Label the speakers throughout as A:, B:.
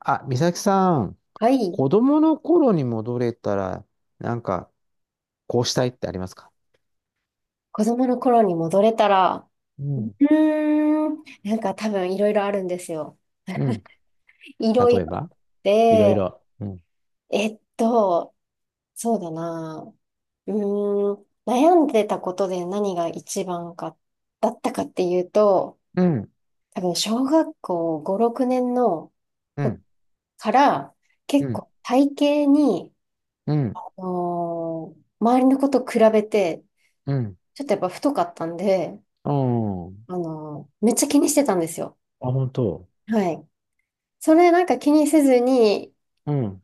A: あ、美咲さん、
B: はい。
A: 子供の頃に戻れたら、なんか、こうしたいってありますか？
B: 子供の頃に戻れたら、
A: うん。
B: なんか多分いろいろあるんですよ。
A: うん。
B: いろ
A: 例
B: い
A: え
B: ろ。
A: ばいろ
B: で、
A: いろ。うん。
B: えっと、そうだな。悩んでたことで何が一番か、だったかっていうと、
A: うん、
B: 多分小学校5、6年の
A: う
B: こ
A: ん、
B: から
A: う
B: 結
A: ん、
B: 構体型に、
A: うん、うん。
B: 周りの子と比べて、ちょっとやっぱ太かったんで、
A: うん。
B: めっちゃ気にしてたんですよ。
A: あ、本当。
B: はい。それなんか気にせずに
A: うん。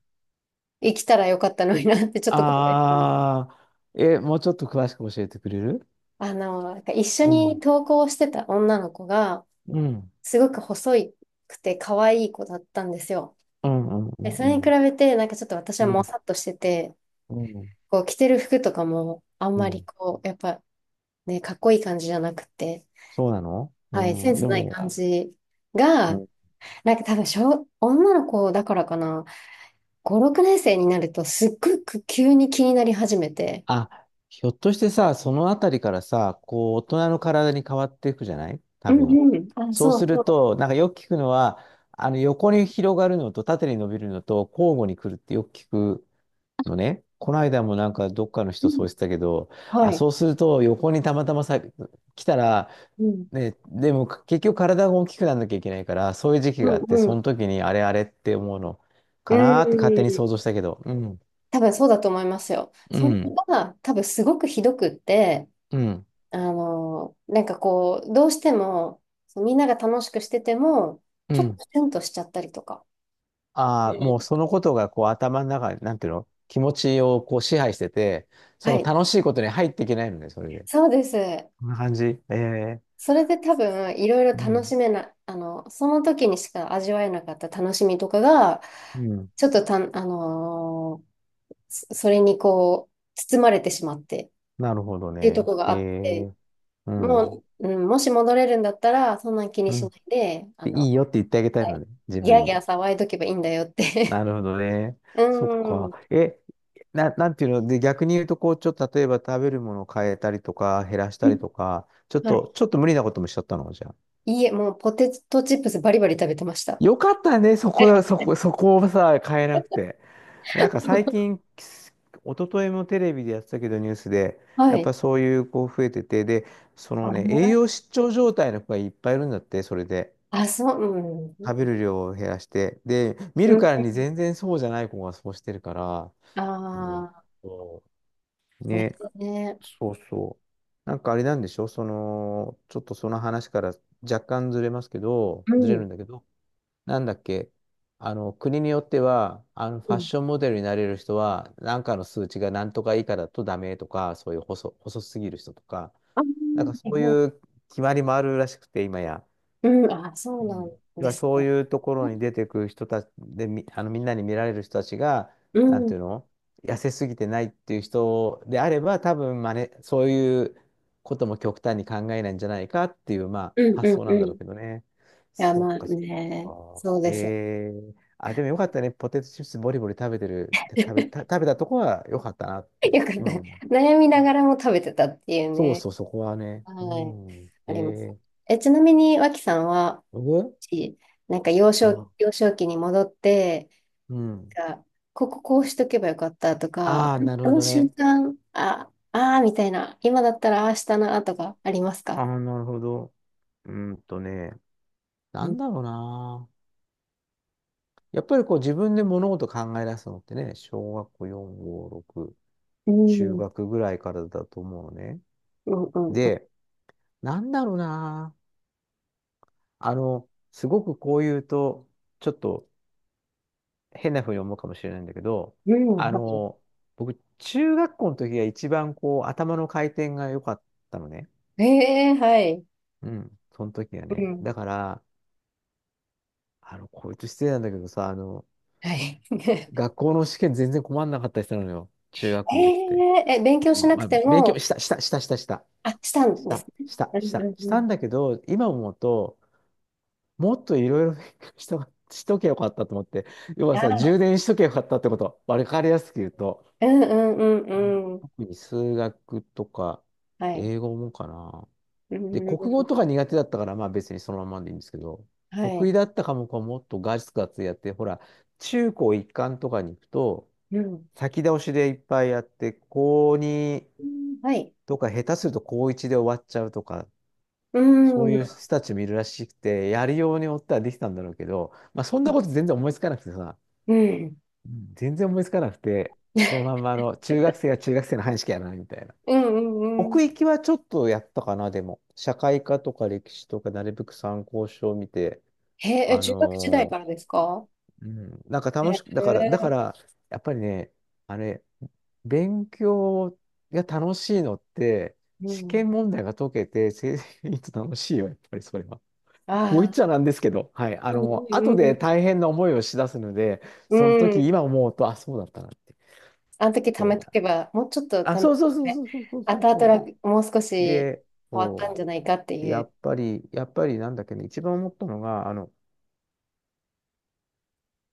B: 生きたらよかったのになってちょっと後悔する。
A: あー、え、もうちょっと詳しく教えてくれる？
B: なんか一緒
A: う
B: に
A: ん、
B: 登校してた女の子が、
A: うん、うん、
B: すごく細くて可愛い子だったんですよ。
A: うん、う
B: で、それに比
A: ん、
B: べて、なんかちょっと私
A: う
B: はも
A: ん、
B: さっとしてて、
A: うん、
B: こう着てる服とかもあん
A: う
B: まり
A: ん。
B: こう、やっぱね、かっこいい感じじゃなくて、
A: そうなの、う
B: はい、セン
A: ん、
B: ス
A: で
B: ない
A: も、
B: 感じ
A: う
B: が、
A: ん、
B: なんか多分女の子だからかな、5、6年生になるとすっごく急に気になり始めて。
A: あ、ひょっとしてさ、そのあたりからさ、こう、大人の体に変わっていくじゃない、
B: う
A: 多分。
B: んうん。あ、
A: そう
B: そう
A: す
B: そ
A: る
B: う。
A: と、よく聞くのは、横に広がるのと縦に伸びるのと交互に来るってよく聞くのね。この間もどっかの
B: う
A: 人
B: ん。
A: そうしてたけど、
B: は
A: あ、
B: い。
A: そうすると横にたまたまさ、来たら、
B: うん。
A: ね、でも結局体が大きくなんなきゃいけないから、そういう時期
B: う
A: があって、
B: んう
A: そ
B: ん。
A: の時にあれあれって思うの
B: う
A: かなーって勝手に想
B: ん。
A: 像したけど。うん、
B: 多分そうだと思いますよ。
A: う
B: それ
A: ん、
B: が多分すごくひどくって、
A: うん、
B: なんかこう、どうしても、そうみんなが楽しくしてても、
A: う
B: ちょっ
A: ん。
B: とシュンとしちゃったりとか。う
A: ああ、もう
B: ん。
A: そのことがこう頭の中、なんていうの、気持ちをこう支配してて、
B: は
A: その
B: い。
A: 楽しいことに入っていけないのね、それで。
B: そうです。
A: こんな感じ。ええ、
B: それで多分、いろいろ
A: う
B: 楽し
A: ん。
B: めな、あの、その時にしか味わえなかった楽しみとかが、
A: うん。
B: ちょっとそれにこう、包まれてしまってっ
A: なるほど
B: ていうと
A: ね。
B: ころが
A: え
B: あって、
A: え、うん。
B: もう、うん、もし戻れるんだったら、そんなん気に
A: う
B: しな
A: ん。
B: いで、
A: でいいよって言ってあげたい
B: は
A: の
B: い、
A: ね、自
B: ギャー
A: 分に。
B: ギャー騒いどけばいいんだよって。
A: なるほどね。
B: う
A: そっ
B: ん。う
A: か。
B: ん。
A: え、なんていうの、で、逆に言うと、こう、ちょっと例えば食べるものを変えたりとか、減らしたりとか、
B: はい。
A: ちょっと無理なこともしちゃったのじゃあ。
B: いいえ、もうポテトチップスバリバリ食べてました。
A: よかったね、そこ
B: え。
A: だ、そこ、そこをさ、変えなくて。なんか最 近、一昨日もテレビでやってたけど、ニュースで、
B: は
A: やっ
B: い。
A: ぱそういう子増えてて、で、そのね、栄
B: あ、
A: 養失調状態の子がいっぱいいるんだって、それで。
B: あそう。う
A: 食べ
B: ん。
A: る量を減らして。で、見
B: う
A: る
B: ん。
A: からに全然そうじゃない子がそうしてるから。うん、
B: あ
A: そう
B: あ、ね。
A: ね、
B: ね。
A: そうそう。なんかあれなんでしょ、その、ちょっとその話から若干ずれますけど、
B: う
A: ずれる
B: ん。
A: んだけど、なんだっけ、国によっては、フ
B: う
A: ァッ
B: ん。
A: ションモデルになれる人は、なんかの数値が何とか以下だとダメとか、そういう細すぎる人とか、
B: あ、は
A: なんかそ
B: い
A: う
B: はい。
A: いう決まりもあるらしくて、今や。
B: うん。あ、そ
A: う
B: うなん
A: ん。要
B: で
A: は
B: す
A: そう
B: ね。
A: いうところに出てくる人たちで、あのみんなに見られる人たちが、
B: う
A: なんてい
B: ん。
A: うの、痩せすぎてないっていう人であれば、多分真似、そういうことも極端に考えないんじゃないかっていう、ま
B: うん、
A: あ、発
B: うん、
A: 想なん
B: う
A: だ
B: ん。
A: ろう
B: い
A: けどね。
B: や、まあ
A: そっ
B: ね。
A: か。
B: そうですよ。
A: えー、あ、でもよかったね。ポテトチップスボリボリ食べてる、て食べ、た、食べたとこはよかったなっ て、
B: よかった。
A: 今思う。
B: 悩みながらも食べてたっていう
A: そう
B: ね。
A: そう、そこはね。
B: は
A: う
B: い。
A: ん。
B: あります。
A: えー、
B: え、ちなみに、脇さんは、
A: 僕
B: しなんか
A: ど
B: 幼少期に戻って、
A: う？うん。
B: なんかこうしとけばよかったとか、
A: ああ、なる
B: あ
A: ほ
B: の
A: ど
B: 瞬
A: ね。
B: 間、あ、あーみたいな、今だったらああしたなとかあります
A: あ
B: か？
A: あ、なるほど。うーんとね、な
B: う
A: ん
B: ん
A: だろうな。やっぱりこう自分で物事考え出すのってね、小学校4、5、6、
B: うん。
A: 中
B: うん、
A: 学ぐらいからだと思うのね。
B: うん、
A: で、なんだろうな。あの、すごくこう言うと、ちょっと変な風に思うかもしれないんだけど、
B: うん、
A: あ
B: は
A: の、僕、中学校の時が一番こう頭の回転が良かったのね。
B: い。えー、はい。
A: うん、その時は
B: う
A: ね。
B: ん、
A: だから、あの、こいつ失礼なんだけどさ、あの、
B: はい。
A: 学校の試験全然困んなかったりするのよ。中学校の時って。
B: え、勉強
A: う
B: し
A: ん、
B: なく
A: まあ、
B: て
A: 勉強
B: も？
A: した、した、した、した、した、
B: あ、した
A: し
B: んです
A: た、
B: ね。
A: した、
B: う
A: し
B: ん、う
A: た、
B: ん、
A: し
B: う
A: た
B: ん。
A: んだけど、今思うと、もっといろいろ勉強しと、しとけよかったと思って、要はさ、
B: あ
A: 充電しとけよかったってこと。わかりやすく言うと。
B: ー、うん、うん、う
A: うん、
B: ん、うん。
A: 特に数学とか、
B: はい。
A: 英語もかな。
B: う
A: で、
B: んうん
A: 国語
B: う
A: とか苦手だったから、まあ別にそのままでいいんですけど、
B: ん、は
A: 得意
B: い。
A: だった科目はもっとガツガツやって、ほら、中高一貫とかに行くと、
B: うん。
A: 先倒しでいっぱいやって、高2
B: うん。はい。
A: とか下手すると高1で終わっちゃうとか、
B: う
A: そ
B: ん。
A: う
B: う
A: いう
B: ん。
A: 人たちもいるらしくて、やるようによってはできたんだろうけど、まあそんなこと全然思いつかなくてさ、うん全然思いつかなくて、そのま んまあの中学生は中学生の範囲しかやらないみたいな。
B: うん。うんう
A: 奥
B: ん。
A: 行きはちょっとやったかな、でも。社会科とか歴史とかなるべく参考書を見て、
B: へえ、
A: あ
B: 中学時代
A: の
B: からですか？
A: うん、なんか
B: へ
A: 楽しく、だか
B: え。
A: ら、やっぱりね、あれ、勉強が楽しいのって、
B: う
A: 試
B: ん。
A: 験問題が解けて、成績いいと楽しいよ、やっぱりそれは。こう
B: あ
A: 言っ
B: あ。
A: ちゃなんですけど、はい。あ
B: うん
A: の、
B: う
A: 後で
B: ん
A: 大変な思いをしだすので、
B: う
A: その
B: ん。う
A: 時、
B: ん。
A: 今思うと、あ、そうだったなって。
B: あの時貯
A: そうな
B: め
A: の。
B: とけば、もうちょっと
A: あ、
B: 貯め
A: そうそうそう
B: て、
A: そうそうそうそう
B: 後々
A: そ
B: 楽もう少し
A: う。で、
B: 変わったん
A: そ
B: じゃないかって
A: う。で、
B: い
A: や
B: う。
A: っぱり、やっぱりなんだっけね、一番思ったのが、あの、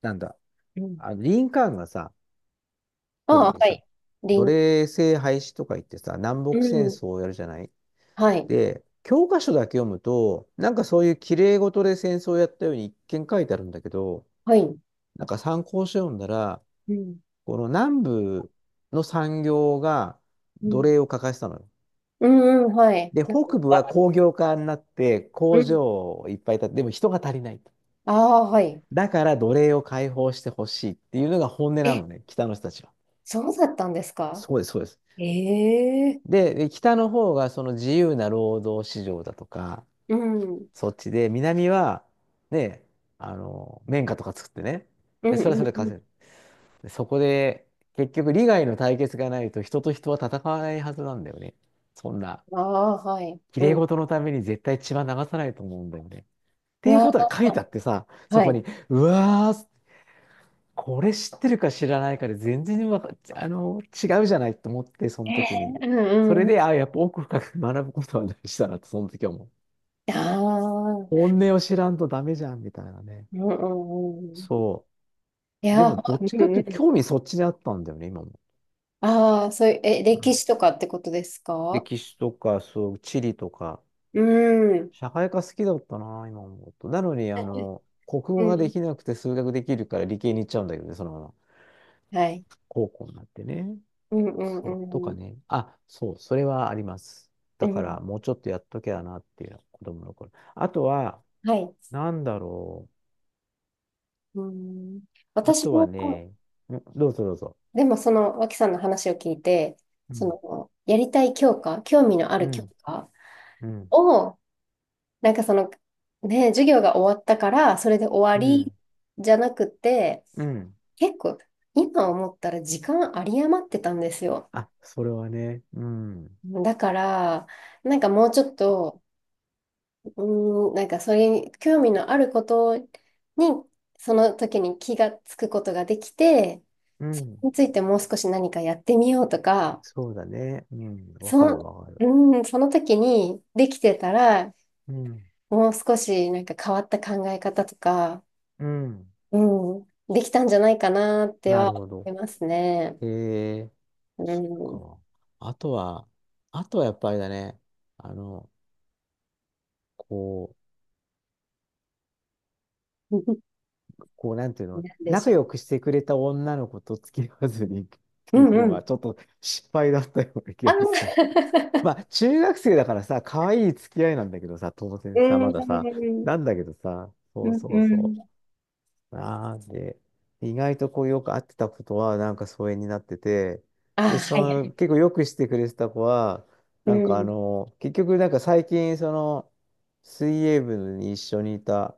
A: なんだ、
B: うん。
A: あのリンカーンがさ、
B: あ
A: 頃
B: あ、
A: に
B: は
A: さ、
B: い。り
A: 奴
B: ん。
A: 隷制廃止とか言ってさ、南
B: う
A: 北戦
B: ん。
A: 争をやるじゃない？
B: はい。
A: で、教科書だけ読むと、なんかそういう綺麗事で戦争をやったように一見書いてあるんだけど、
B: はい。
A: なんか参考書読んだら、
B: うん。
A: この南部の産業が
B: う
A: 奴
B: ん。
A: 隷を欠かしたのよ。
B: うんうん、はい。
A: で、
B: なんか、
A: 北部は
B: わ。
A: 工業化になって
B: う
A: 工
B: ん。
A: 場をいっぱい建て、でも人が足りないと。
B: ああ、はい。
A: だから奴隷を解放してほしいっていうのが本音な
B: え、
A: のね、北の人たちは。
B: そうだったんですか？
A: そうです、そうです。
B: え。
A: で、北の方がその自由な労働市場だとか、
B: うん。うん
A: そっちで、南は、ね、あの、綿花とか作ってね、
B: う
A: で、それはそ
B: ん
A: れで
B: うん。
A: 稼ぐ。でそこで、結局利害の対決がないと人と人は戦わないはずなんだよね。そんな、
B: ああ、はい。
A: 綺
B: うん。
A: 麗
B: う
A: 事のために絶対血は流さないと思うんだよね。っていうことが
B: わ
A: 書いてあってさ、
B: あ、
A: そ
B: は
A: こ
B: い。
A: に、うわーっつ、これ知ってるか知らないかで全然わか、あの、違うじゃないと思って、その
B: ええ。
A: 時に。
B: う
A: それ
B: んうん。
A: で、あ、やっぱ奥深く学ぶことは大事だなと、その時は思う。
B: ああ、うん。
A: 本音を知らんとダメじゃん、みたいなね。
B: うんうん。
A: そ
B: い
A: う。で
B: や、
A: も、ど
B: う
A: っち
B: ん
A: か
B: う
A: というと、
B: ん。
A: 興味そっちにあったんだよね、今も。
B: ああ、そういう、え、
A: う
B: 歴
A: ん、
B: 史とかってことですか？
A: 歴史とか、そう、地理とか、
B: うん。
A: 社会科好きだったな、今思うと。なのに、あの、国
B: う
A: 語がで
B: ん。
A: きなくて数学できるから理系に行っちゃうんだけどね、そのまま。
B: はい。
A: 高校になってね。
B: うんう
A: そう、と
B: んう
A: か
B: ん。
A: ね。あ、そう、それはあります。
B: う
A: だから、
B: ん。
A: もうちょっとやっときゃなっていうのは子供の頃。あとは、
B: はい。
A: なんだろ
B: うん。
A: う。あ
B: 私
A: とは
B: も、
A: ね、んどうぞどうぞ。
B: でもその、脇さんの話を聞いて、
A: う
B: そ
A: ん、
B: の、やりたい教科、興味のあ
A: う
B: る教
A: ん、
B: 科
A: うん、
B: を、なんかその、ね、授業が終わったから、それで終わ
A: う
B: り
A: ん、
B: じゃなくて、
A: うん。
B: 結構、今思ったら時間あり余ってたんですよ。
A: あ、それはね、うん、
B: だから、なんかもうちょっと、なんかそれに興味のあることに、その時に気がつくことができて、
A: う
B: そ
A: ん。
B: れについてもう少し何かやってみようとか、
A: そうだね。うん、わ
B: そ
A: か
B: の、
A: るわかる。
B: その時にできてたら、
A: うん、
B: もう少しなんか変わった考え方とか、
A: うん。
B: うん、できたんじゃないかなって
A: なる
B: は思
A: ほど。
B: いますね。
A: えー、
B: う
A: そっ
B: ん。
A: か。あとは、あとはやっぱりだね。あの、こう、こう、なんていう
B: な
A: の、
B: んでし
A: 仲
B: ょ
A: 良くしてくれた女の子と付き合わずにっ
B: う。
A: て
B: う
A: い
B: ん
A: う
B: う
A: の
B: ん。
A: は、ちょっと失敗だったような気
B: あの。
A: がする。まあ、中学生だからさ、可愛い付き合いなんだけどさ、当然
B: う
A: さ、まださ、
B: ん。う
A: なんだけどさ、
B: ん
A: そ
B: う
A: う
B: ん、
A: そう
B: う
A: そ
B: ん。
A: う。なんで、意外とこう、よく会ってたことは、なんか疎遠になってて、
B: あ
A: で、そ
B: ー、はいは
A: の、
B: い。
A: 結構よくしてくれてた子は、
B: うん、
A: なんか最近、その、水泳部に一緒にいた、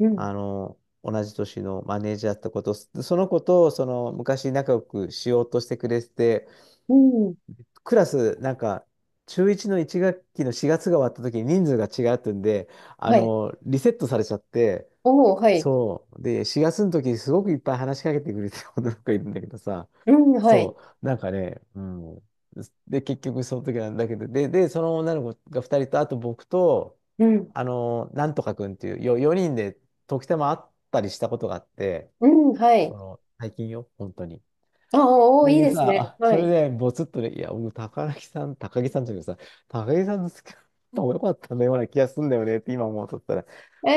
B: うん、
A: あの、同じ年のマネージャーだったこと、その子と、その、昔仲良くしようとしてくれてて、
B: うん。
A: クラス、なんか、中1の1学期の4月が終わった時に人数が違うってんで、あ
B: はい。
A: の、リセットされちゃって、
B: おー、はい。
A: そう。で、4月の時、すごくいっぱい話しかけてくれてる女の子がいるんだけどさ、
B: うん、はい。
A: そう、なんかね、うん。で、結局その時なんだけど、で、その女の子が2人と、あと僕と、
B: うん、
A: あの、なんとかくんっていう、4人で時たま会ったりしたことがあって、
B: うん、はい。
A: その、最近よ、本当に。
B: あー、
A: そ
B: おー、
A: れ
B: いい
A: で
B: です
A: さ、
B: ね。
A: あ、
B: は
A: それ
B: い。
A: でボツッとで、いや、僕、高木さんじゃなくさ、高木さんの好きな方も良かったんだような気がすんだよねって今思うとったら、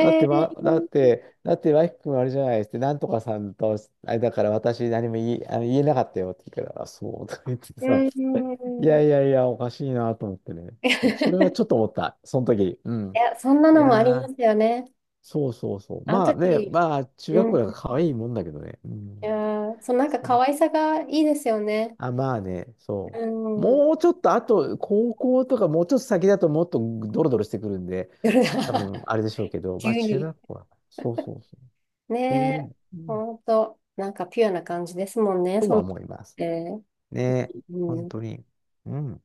A: だって、ま、だっ
B: ー、
A: て、だって、ワイキ君あれじゃないですって、なんとかさんと、あれだから私何も言い、あの言えなかったよって言うから、あ、そうとか言ってさ、
B: う
A: いや
B: ん。
A: い やいや、おかしいなと思ってね。そう、それは
B: い
A: ちょっと思った、その時。うん。
B: や、そんな
A: い
B: のもあり
A: や
B: ま
A: ー、
B: すよね。
A: そうそうそう。
B: あの
A: まあね、
B: 時、
A: まあ、中学
B: うん。
A: 校だか
B: い
A: ら可愛いもんだけどね。う
B: や
A: ん。
B: ー、そのなんか
A: そ
B: 可
A: う、
B: 愛さがいいですよね。
A: あ、まあね、
B: う
A: そう。
B: ん。
A: もうちょっと、あと、高校とかもうちょっと先だともっとドロドロしてくるんで、
B: 夜
A: 多
B: が。
A: 分あれでしょうけ ど、まあ
B: 急
A: 中
B: に。
A: 学校は、そうそうそう、
B: ね
A: そう思
B: え。
A: う、うん
B: ほんと。なんかピュアな感じですもんね、
A: と
B: その
A: は
B: っ
A: 思います。
B: て。
A: ね、
B: う
A: 本
B: ん。
A: 当に。うん。